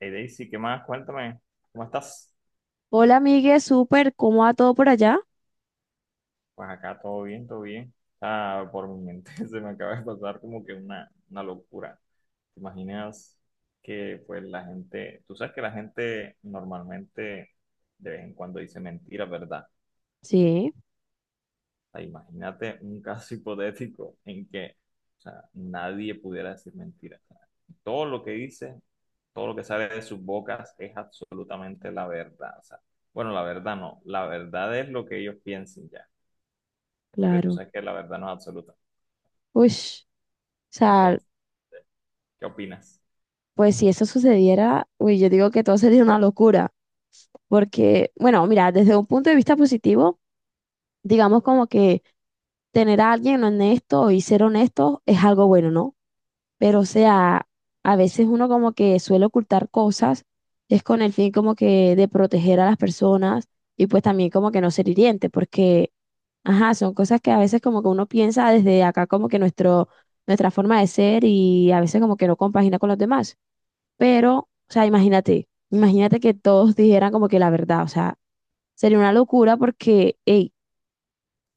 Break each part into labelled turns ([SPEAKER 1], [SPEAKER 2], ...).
[SPEAKER 1] Hey, Daisy, ¿qué más? Cuéntame, ¿cómo estás?
[SPEAKER 2] Hola, amigue, súper, ¿cómo va todo por allá?
[SPEAKER 1] Pues acá todo bien, todo bien. Ah, por mi mente se me acaba de pasar como que una locura. ¿Te imaginas que pues la gente, tú sabes que la gente normalmente de vez en cuando dice mentiras, ¿verdad?
[SPEAKER 2] Sí,
[SPEAKER 1] O sea, imagínate un caso hipotético en que, o sea, nadie pudiera decir mentiras. O sea, todo lo que dice, todo lo que sale de sus bocas es absolutamente la verdad. O sea, bueno, la verdad no, la verdad es lo que ellos piensen ya. Porque tú
[SPEAKER 2] claro.
[SPEAKER 1] sabes que la verdad no es absoluta.
[SPEAKER 2] Uy, o sea,
[SPEAKER 1] Entonces, ¿qué opinas?
[SPEAKER 2] pues si eso sucediera, uy, yo digo que todo sería una locura, porque, bueno, mira, desde un punto de vista positivo, digamos como que tener a alguien honesto y ser honesto es algo bueno, ¿no? Pero, o sea, a veces uno como que suele ocultar cosas, es con el fin como que de proteger a las personas y pues también como que no ser hiriente, porque, ajá, son cosas que a veces como que uno piensa desde acá como que nuestro, nuestra forma de ser y a veces como que no compagina con los demás. Pero, o sea, imagínate que todos dijeran como que la verdad, o sea, sería una locura porque, hey,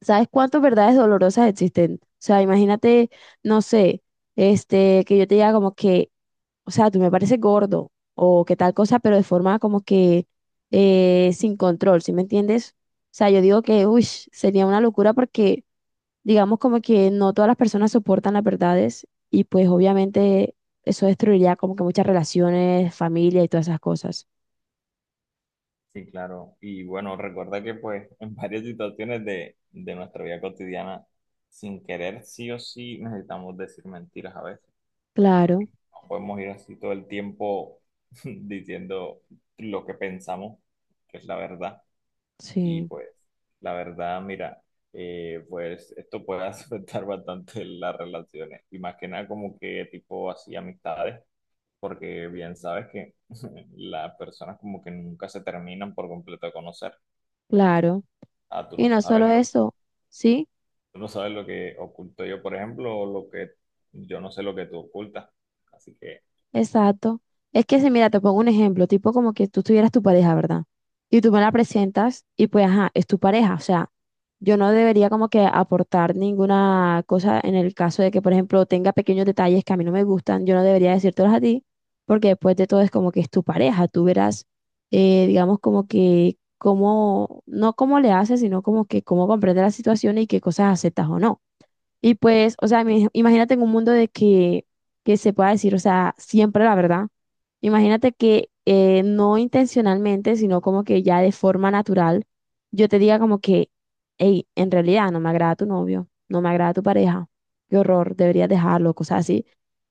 [SPEAKER 2] ¿sabes cuántas verdades dolorosas existen? O sea, imagínate, no sé, que yo te diga como que o sea, tú me pareces gordo o qué tal cosa, pero de forma como que sin control, ¿sí me entiendes? O sea, yo digo que, uy, sería una locura porque digamos como que no todas las personas soportan las verdades y pues obviamente eso destruiría como que muchas relaciones, familia y todas esas cosas.
[SPEAKER 1] Sí, claro. Y bueno, recuerda que pues en varias situaciones de nuestra vida cotidiana, sin querer, sí o sí, necesitamos decir mentiras a veces, porque
[SPEAKER 2] Claro,
[SPEAKER 1] no podemos ir así todo el tiempo diciendo lo que pensamos, que es la verdad. Y
[SPEAKER 2] sí,
[SPEAKER 1] pues, la verdad, mira, pues esto puede afectar bastante las relaciones, y más que nada como que tipo así amistades porque bien sabes que las personas como que nunca se terminan por completo de conocer.
[SPEAKER 2] claro.
[SPEAKER 1] Ah, tú no
[SPEAKER 2] Y no
[SPEAKER 1] sabes
[SPEAKER 2] solo
[SPEAKER 1] lo,
[SPEAKER 2] eso, ¿sí?
[SPEAKER 1] tú no sabes lo que oculto yo, por ejemplo, o lo que yo no sé lo que tú ocultas. Así que
[SPEAKER 2] Exacto. Es que si, mira, te pongo un ejemplo, tipo como que tú tuvieras tu pareja, ¿verdad? Y tú me la presentas y pues, ajá, es tu pareja. O sea, yo no debería como que aportar ninguna cosa en el caso de que, por ejemplo, tenga pequeños detalles que a mí no me gustan, yo no debería decírtelos a ti, porque después de todo es como que es tu pareja. Tú verás, digamos, como que cómo, no cómo le haces, sino como que cómo comprende la situación y qué cosas aceptas o no. Y pues, o sea, imagínate en un mundo de que se pueda decir, o sea, siempre la verdad. Imagínate que no intencionalmente, sino como que ya de forma natural, yo te diga como que, hey, en realidad no me agrada tu novio, no me agrada tu pareja, qué horror, deberías dejarlo, cosas así.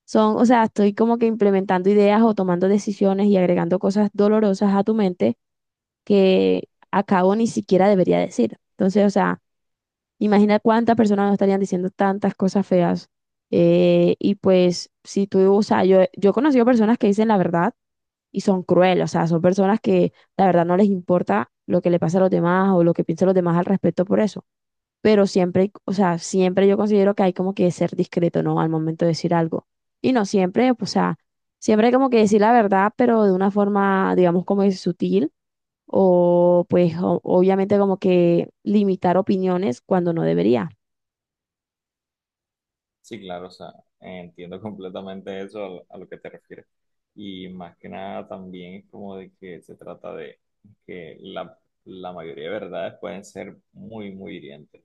[SPEAKER 2] Son, o sea, estoy como que implementando ideas o tomando decisiones y agregando cosas dolorosas a tu mente que a cabo ni siquiera debería decir. Entonces, o sea, imagina cuántas personas no estarían diciendo tantas cosas feas. Y pues, si tú, o sea, yo he conocido personas que dicen la verdad y son crueles, o sea, son personas que la verdad no les importa lo que le pasa a los demás o lo que piensan los demás al respecto por eso, pero siempre, o sea, siempre yo considero que hay como que ser discreto, ¿no? Al momento de decir algo. Y no siempre, pues, o sea, siempre hay como que decir la verdad, pero de una forma, digamos, como es sutil, o pues obviamente como que limitar opiniones cuando no debería.
[SPEAKER 1] sí, claro, o sea, entiendo completamente eso a lo que te refieres. Y más que nada también es como de que se trata de que la mayoría de verdades pueden ser muy, muy hirientes.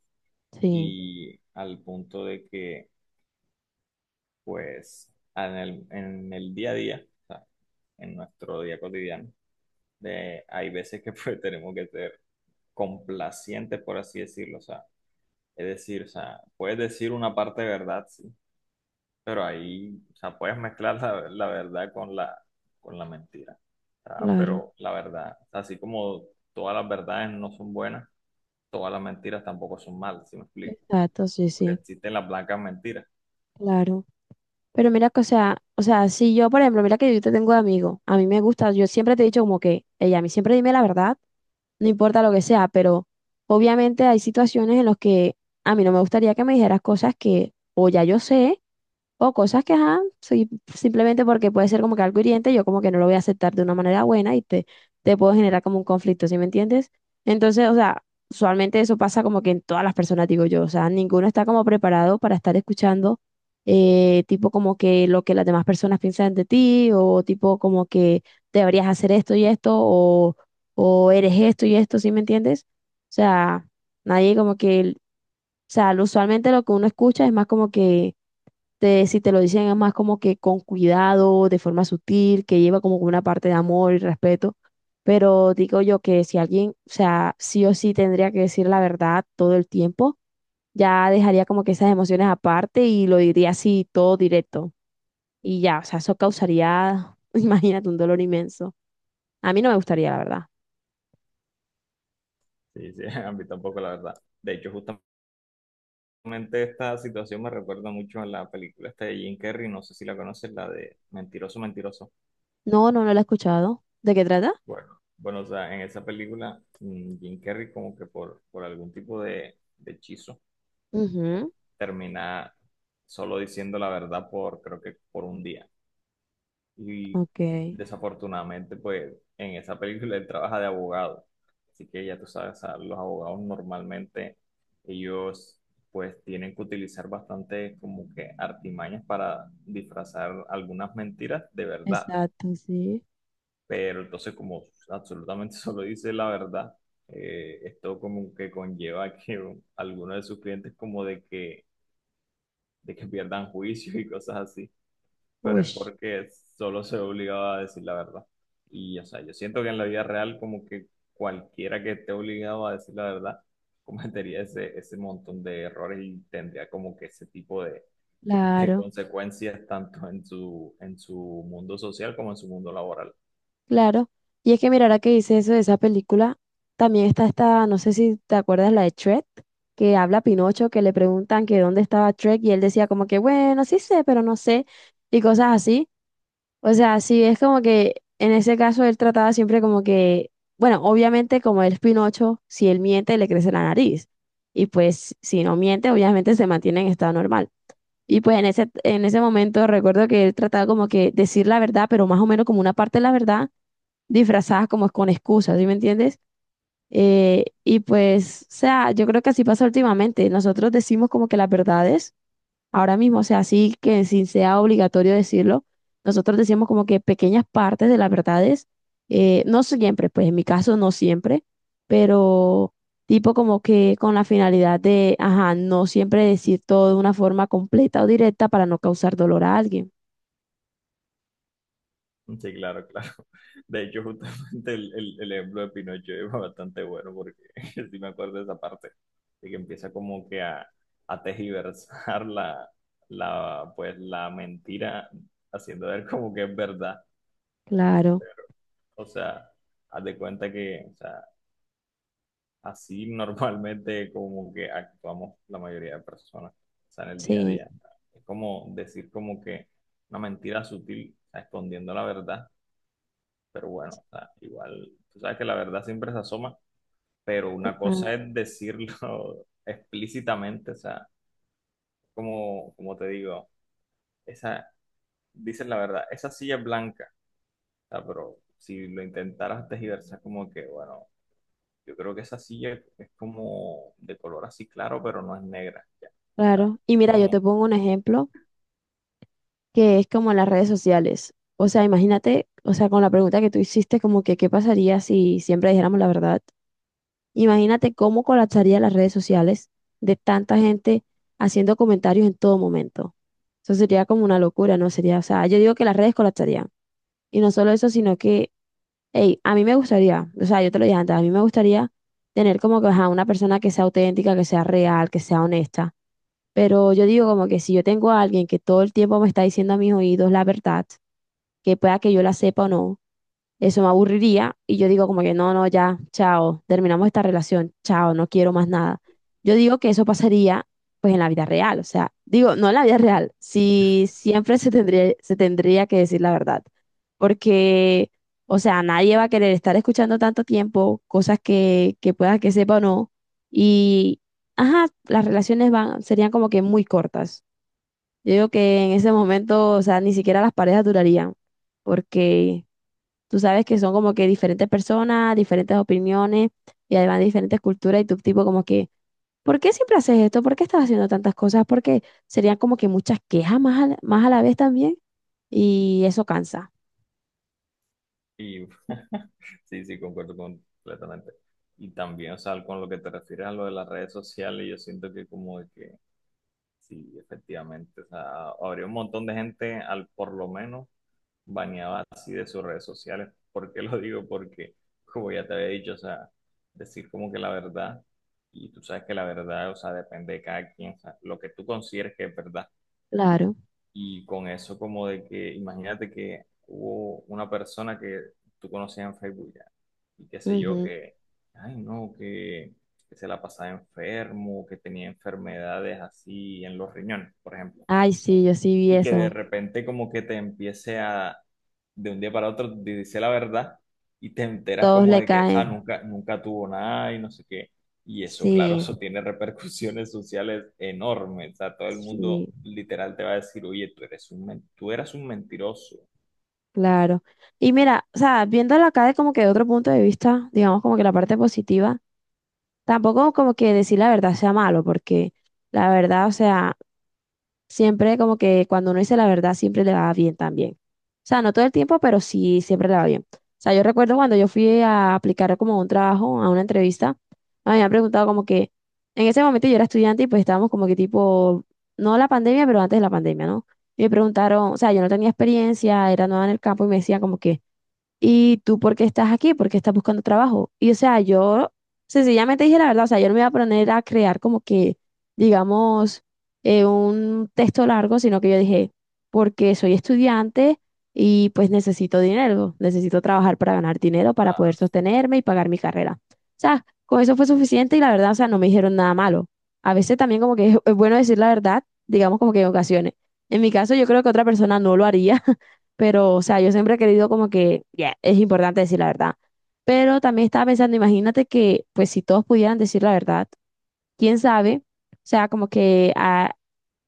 [SPEAKER 2] Sí,
[SPEAKER 1] Y al punto de que pues en el día a día, o sea, en nuestro día cotidiano, de, hay veces que pues, tenemos que ser complacientes, por así decirlo, o sea, es decir, o sea, puedes decir una parte de verdad, sí, pero ahí, o sea, puedes mezclar la, la verdad con la mentira, o sea,
[SPEAKER 2] claro.
[SPEAKER 1] pero la verdad, o sea, así como todas las verdades no son buenas, todas las mentiras tampoco son malas, ¿si me explico?
[SPEAKER 2] Exacto, sí,
[SPEAKER 1] Porque
[SPEAKER 2] sí,
[SPEAKER 1] existen las blancas mentiras,
[SPEAKER 2] claro. Pero mira que, o sea, si yo, por ejemplo, mira que yo te tengo de amigo, a mí me gusta, yo siempre te he dicho como que, ella, a mí siempre dime la verdad, no importa lo que sea, pero obviamente hay situaciones en las que a mí no me gustaría que me dijeras cosas que o ya yo sé, o cosas que, ajá, sí, simplemente porque puede ser como que algo hiriente, yo como que no lo voy a aceptar de una manera buena y te puedo generar como un conflicto, ¿sí me entiendes? Entonces, o sea, usualmente eso pasa como que en todas las personas, digo yo, o sea, ninguno está como preparado para estar escuchando tipo como que lo que las demás personas piensan de ti, o tipo como que deberías hacer esto y esto, o eres esto y esto, ¿sí me entiendes? O sea, nadie como que o sea, usualmente lo que uno escucha es más como que, si te lo dicen es más como que con cuidado, de forma sutil, que lleva como una parte de amor y respeto. Pero digo yo que si alguien, o sea, sí o sí tendría que decir la verdad todo el tiempo, ya dejaría como que esas emociones aparte y lo diría así todo directo. Y ya, o sea, eso causaría, imagínate, un dolor inmenso. A mí no me gustaría, la verdad.
[SPEAKER 1] sí, sí, a mí tampoco la verdad. De hecho, justamente realmente esta situación me recuerda mucho a la película esta de Jim Carrey, no sé si la conoces, la de Mentiroso, Mentiroso.
[SPEAKER 2] No, no, no lo he escuchado. ¿De qué trata?
[SPEAKER 1] Bueno, bueno, o sea, en esa película Jim Carrey como que por algún tipo de hechizo
[SPEAKER 2] Ujú,
[SPEAKER 1] termina solo diciendo la verdad por, creo que por un día. Y
[SPEAKER 2] ok.
[SPEAKER 1] desafortunadamente, pues en esa película él trabaja de abogado. Así que ya tú sabes, a los abogados normalmente ellos pues tienen que utilizar bastante como que artimañas para disfrazar algunas mentiras de verdad.
[SPEAKER 2] Exacto, sí.
[SPEAKER 1] Pero entonces como absolutamente solo dice la verdad, esto como que conlleva que algunos de sus clientes como de que pierdan juicio y cosas así pero
[SPEAKER 2] Uy,
[SPEAKER 1] es porque solo se ve obligado a decir la verdad. Y, o sea, yo siento que en la vida real como que cualquiera que esté obligado a decir la verdad cometería ese montón de errores y tendría como que ese tipo de
[SPEAKER 2] claro,
[SPEAKER 1] consecuencias tanto en su mundo social como en su mundo laboral.
[SPEAKER 2] claro. Y es que mira, ahora que dice eso de esa película, también está esta, no sé si te acuerdas, la de Shrek, que habla Pinocho, que le preguntan que dónde estaba Shrek y él decía como que, bueno, sí sé, pero no sé, y cosas así. O sea, sí, es como que en ese caso él trataba siempre como que, bueno, obviamente como él es Pinocho, si él miente, le crece la nariz. Y pues si no miente, obviamente se mantiene en estado normal. Y pues en ese momento recuerdo que él trataba como que decir la verdad, pero más o menos como una parte de la verdad disfrazada como con excusas, ¿sí me entiendes? Y pues, o sea, yo creo que así pasa últimamente. Nosotros decimos como que las verdades, ahora mismo, o sea, así que sin sea obligatorio decirlo, nosotros decimos como que pequeñas partes de las verdades, no siempre, pues en mi caso no siempre, pero tipo como que con la finalidad de, ajá, no siempre decir todo de una forma completa o directa para no causar dolor a alguien.
[SPEAKER 1] Sí, claro, claro. De hecho, justamente el ejemplo de Pinocho es bastante bueno porque sí me acuerdo de esa parte, de que empieza como que a tergiversar la, pues, la mentira, haciendo ver como que es verdad.
[SPEAKER 2] Claro,
[SPEAKER 1] O sea, haz de cuenta que, o sea, así normalmente como que actuamos la mayoría de personas, o sea, en el día a
[SPEAKER 2] sí,
[SPEAKER 1] día. Es como decir como que una mentira sutil, o sea, escondiendo la verdad pero bueno, o sea, igual, tú sabes que la verdad siempre se asoma, pero una cosa
[SPEAKER 2] ah,
[SPEAKER 1] es decirlo explícitamente, o sea, como, como te digo, esa, dices la verdad, esa silla es blanca, o sea, pero si lo intentaras tergiversar, como que, bueno, yo creo que esa silla es como de color así claro, pero no es negra, ya, o sea,
[SPEAKER 2] claro. Y mira, yo te
[SPEAKER 1] como,
[SPEAKER 2] pongo un ejemplo que es como en las redes sociales. O sea, imagínate, o sea, con la pregunta que tú hiciste, como que qué pasaría si siempre dijéramos la verdad. Imagínate cómo colapsarían las redes sociales de tanta gente haciendo comentarios en todo momento. Eso sería como una locura, ¿no? Sería, o sea, yo digo que las redes colapsarían. Y no solo eso, sino que, hey, a mí me gustaría, o sea, yo te lo dije antes, a mí me gustaría tener como que, ajá, una persona que sea auténtica, que sea real, que sea honesta. Pero yo digo como que si yo tengo a alguien que todo el tiempo me está diciendo a mis oídos la verdad, que pueda que yo la sepa o no, eso me aburriría y yo digo como que no, no, ya, chao, terminamos esta relación, chao, no quiero más nada. Yo digo que eso pasaría pues en la vida real, o sea, digo, no en la vida real, si siempre se tendría que decir la verdad, porque, o sea, nadie va a querer estar escuchando tanto tiempo cosas que pueda que sepa o no, y, ajá, las relaciones van, serían como que muy cortas. Yo digo que en ese momento, o sea, ni siquiera las parejas durarían, porque tú sabes que son como que diferentes personas, diferentes opiniones y además diferentes culturas y tu tipo como que, ¿por qué siempre haces esto? ¿Por qué estás haciendo tantas cosas? Porque serían como que muchas quejas más a la vez también y eso cansa.
[SPEAKER 1] y sí, sí, concuerdo completamente. Y también, o sea, con lo que te refieres a lo de las redes sociales, yo siento que como de que sí, efectivamente. O sea, habría un montón de gente al por lo menos baneada así de sus redes sociales. ¿Por qué lo digo? Porque, como ya te había dicho, o sea, decir como que la verdad, y tú sabes que la verdad, o sea, depende de cada quien, o sea, lo que tú consideres que es verdad.
[SPEAKER 2] Claro.
[SPEAKER 1] Y con eso como de que, imagínate que hubo una persona que tú conocías en Facebook ya, y qué sé yo,
[SPEAKER 2] Ujú.
[SPEAKER 1] que, ay no, que se la pasaba enfermo, que tenía enfermedades así en los riñones, por ejemplo
[SPEAKER 2] Ay, sí, yo sí vi
[SPEAKER 1] y que de
[SPEAKER 2] eso.
[SPEAKER 1] repente como que te empiece a, de un día para otro, te dice la verdad y te enteras
[SPEAKER 2] Todos
[SPEAKER 1] como
[SPEAKER 2] le
[SPEAKER 1] de que, ah,
[SPEAKER 2] caen.
[SPEAKER 1] nunca, nunca tuvo nada y no sé qué. Y eso, claro,
[SPEAKER 2] Sí,
[SPEAKER 1] eso tiene repercusiones sociales enormes. O sea, todo el mundo
[SPEAKER 2] sí.
[SPEAKER 1] literal te va a decir, oye, tú eres un, tú eras un mentiroso.
[SPEAKER 2] Claro. Y mira, o sea, viéndolo acá de como que de otro punto de vista, digamos como que la parte positiva, tampoco como que decir la verdad sea malo, porque la verdad, o sea, siempre como que cuando uno dice la verdad, siempre le va bien también. O sea, no todo el tiempo, pero sí siempre le va bien. O sea, yo recuerdo cuando yo fui a aplicar como un trabajo, a una entrevista, a mí me han preguntado como que, en ese momento yo era estudiante y pues estábamos como que tipo, no la pandemia, pero antes de la pandemia, ¿no? Y me preguntaron, o sea, yo no tenía experiencia, era nueva en el campo y me decían como que ¿y tú por qué estás aquí? ¿Por qué estás buscando trabajo? Y o sea, yo sencillamente dije la verdad, o sea, yo no me iba a poner a crear como que, digamos, un texto largo, sino que yo dije, porque soy estudiante y pues necesito dinero, necesito trabajar para ganar dinero, para poder sostenerme y pagar mi carrera. O sea, con eso fue suficiente y la verdad, o sea, no me dijeron nada malo. A veces también como que es bueno decir la verdad, digamos como que en ocasiones. En mi caso, yo creo que otra persona no lo haría, pero, o sea, yo siempre he querido como que, ya, es importante decir la verdad. Pero también estaba pensando, imagínate que, pues, si todos pudieran decir la verdad, quién sabe, o sea, como que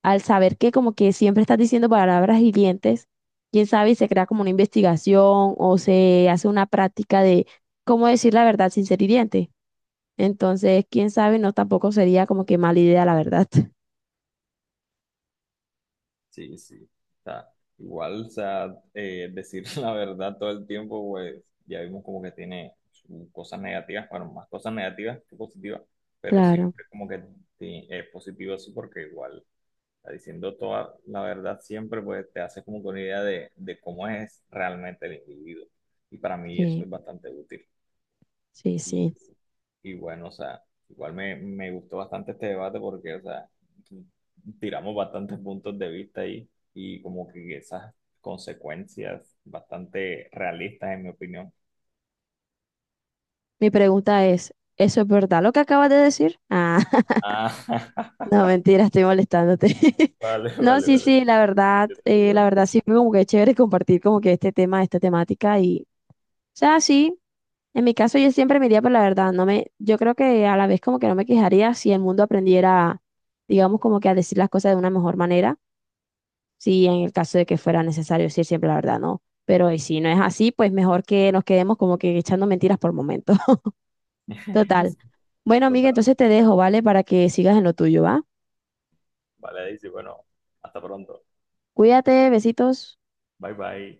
[SPEAKER 2] al saber que como que siempre estás diciendo palabras hirientes, quién sabe, y se crea como una investigación o se hace una práctica de cómo decir la verdad sin ser hiriente. Entonces, quién sabe, no tampoco sería como que mala idea, la verdad.
[SPEAKER 1] Sí, sí. O sea, igual, o sea, decir la verdad todo el tiempo, pues ya vimos como que tiene sus cosas negativas, bueno, más cosas negativas que positivas, pero
[SPEAKER 2] Claro,
[SPEAKER 1] siempre como que es positivo así, porque igual, o sea, diciendo toda la verdad siempre, pues te hace como que una idea de cómo es realmente el individuo. Y para mí eso
[SPEAKER 2] sí,
[SPEAKER 1] es bastante útil.
[SPEAKER 2] sí,
[SPEAKER 1] Y,
[SPEAKER 2] sí.
[SPEAKER 1] y bueno, o sea, igual me gustó bastante este debate porque, o sea, tiramos bastantes puntos de vista ahí y como que esas consecuencias bastante realistas, en mi opinión.
[SPEAKER 2] Mi pregunta es, ¿eso es verdad lo que acabas de decir? Ah.
[SPEAKER 1] Ah,
[SPEAKER 2] No, mentira, estoy molestándote.
[SPEAKER 1] vale,
[SPEAKER 2] No,
[SPEAKER 1] vale,
[SPEAKER 2] sí,
[SPEAKER 1] vale.
[SPEAKER 2] sí,
[SPEAKER 1] Estuvo
[SPEAKER 2] la
[SPEAKER 1] bueno.
[SPEAKER 2] verdad sí fue como que es chévere compartir como que este tema, esta temática y, o sea, sí, en mi caso yo siempre me iría por la verdad, no me, yo creo que a la vez como que no me quejaría si el mundo aprendiera, digamos, como que a decir las cosas de una mejor manera, si en el caso de que fuera necesario decir siempre la verdad, no, pero y si no es así, pues mejor que nos quedemos como que echando mentiras por momentos. Total. Bueno, amiga,
[SPEAKER 1] Total,
[SPEAKER 2] entonces te dejo, ¿vale? Para que sigas en lo tuyo, ¿va?
[SPEAKER 1] vale, dice, bueno, hasta pronto.
[SPEAKER 2] Cuídate, besitos.
[SPEAKER 1] Bye, bye.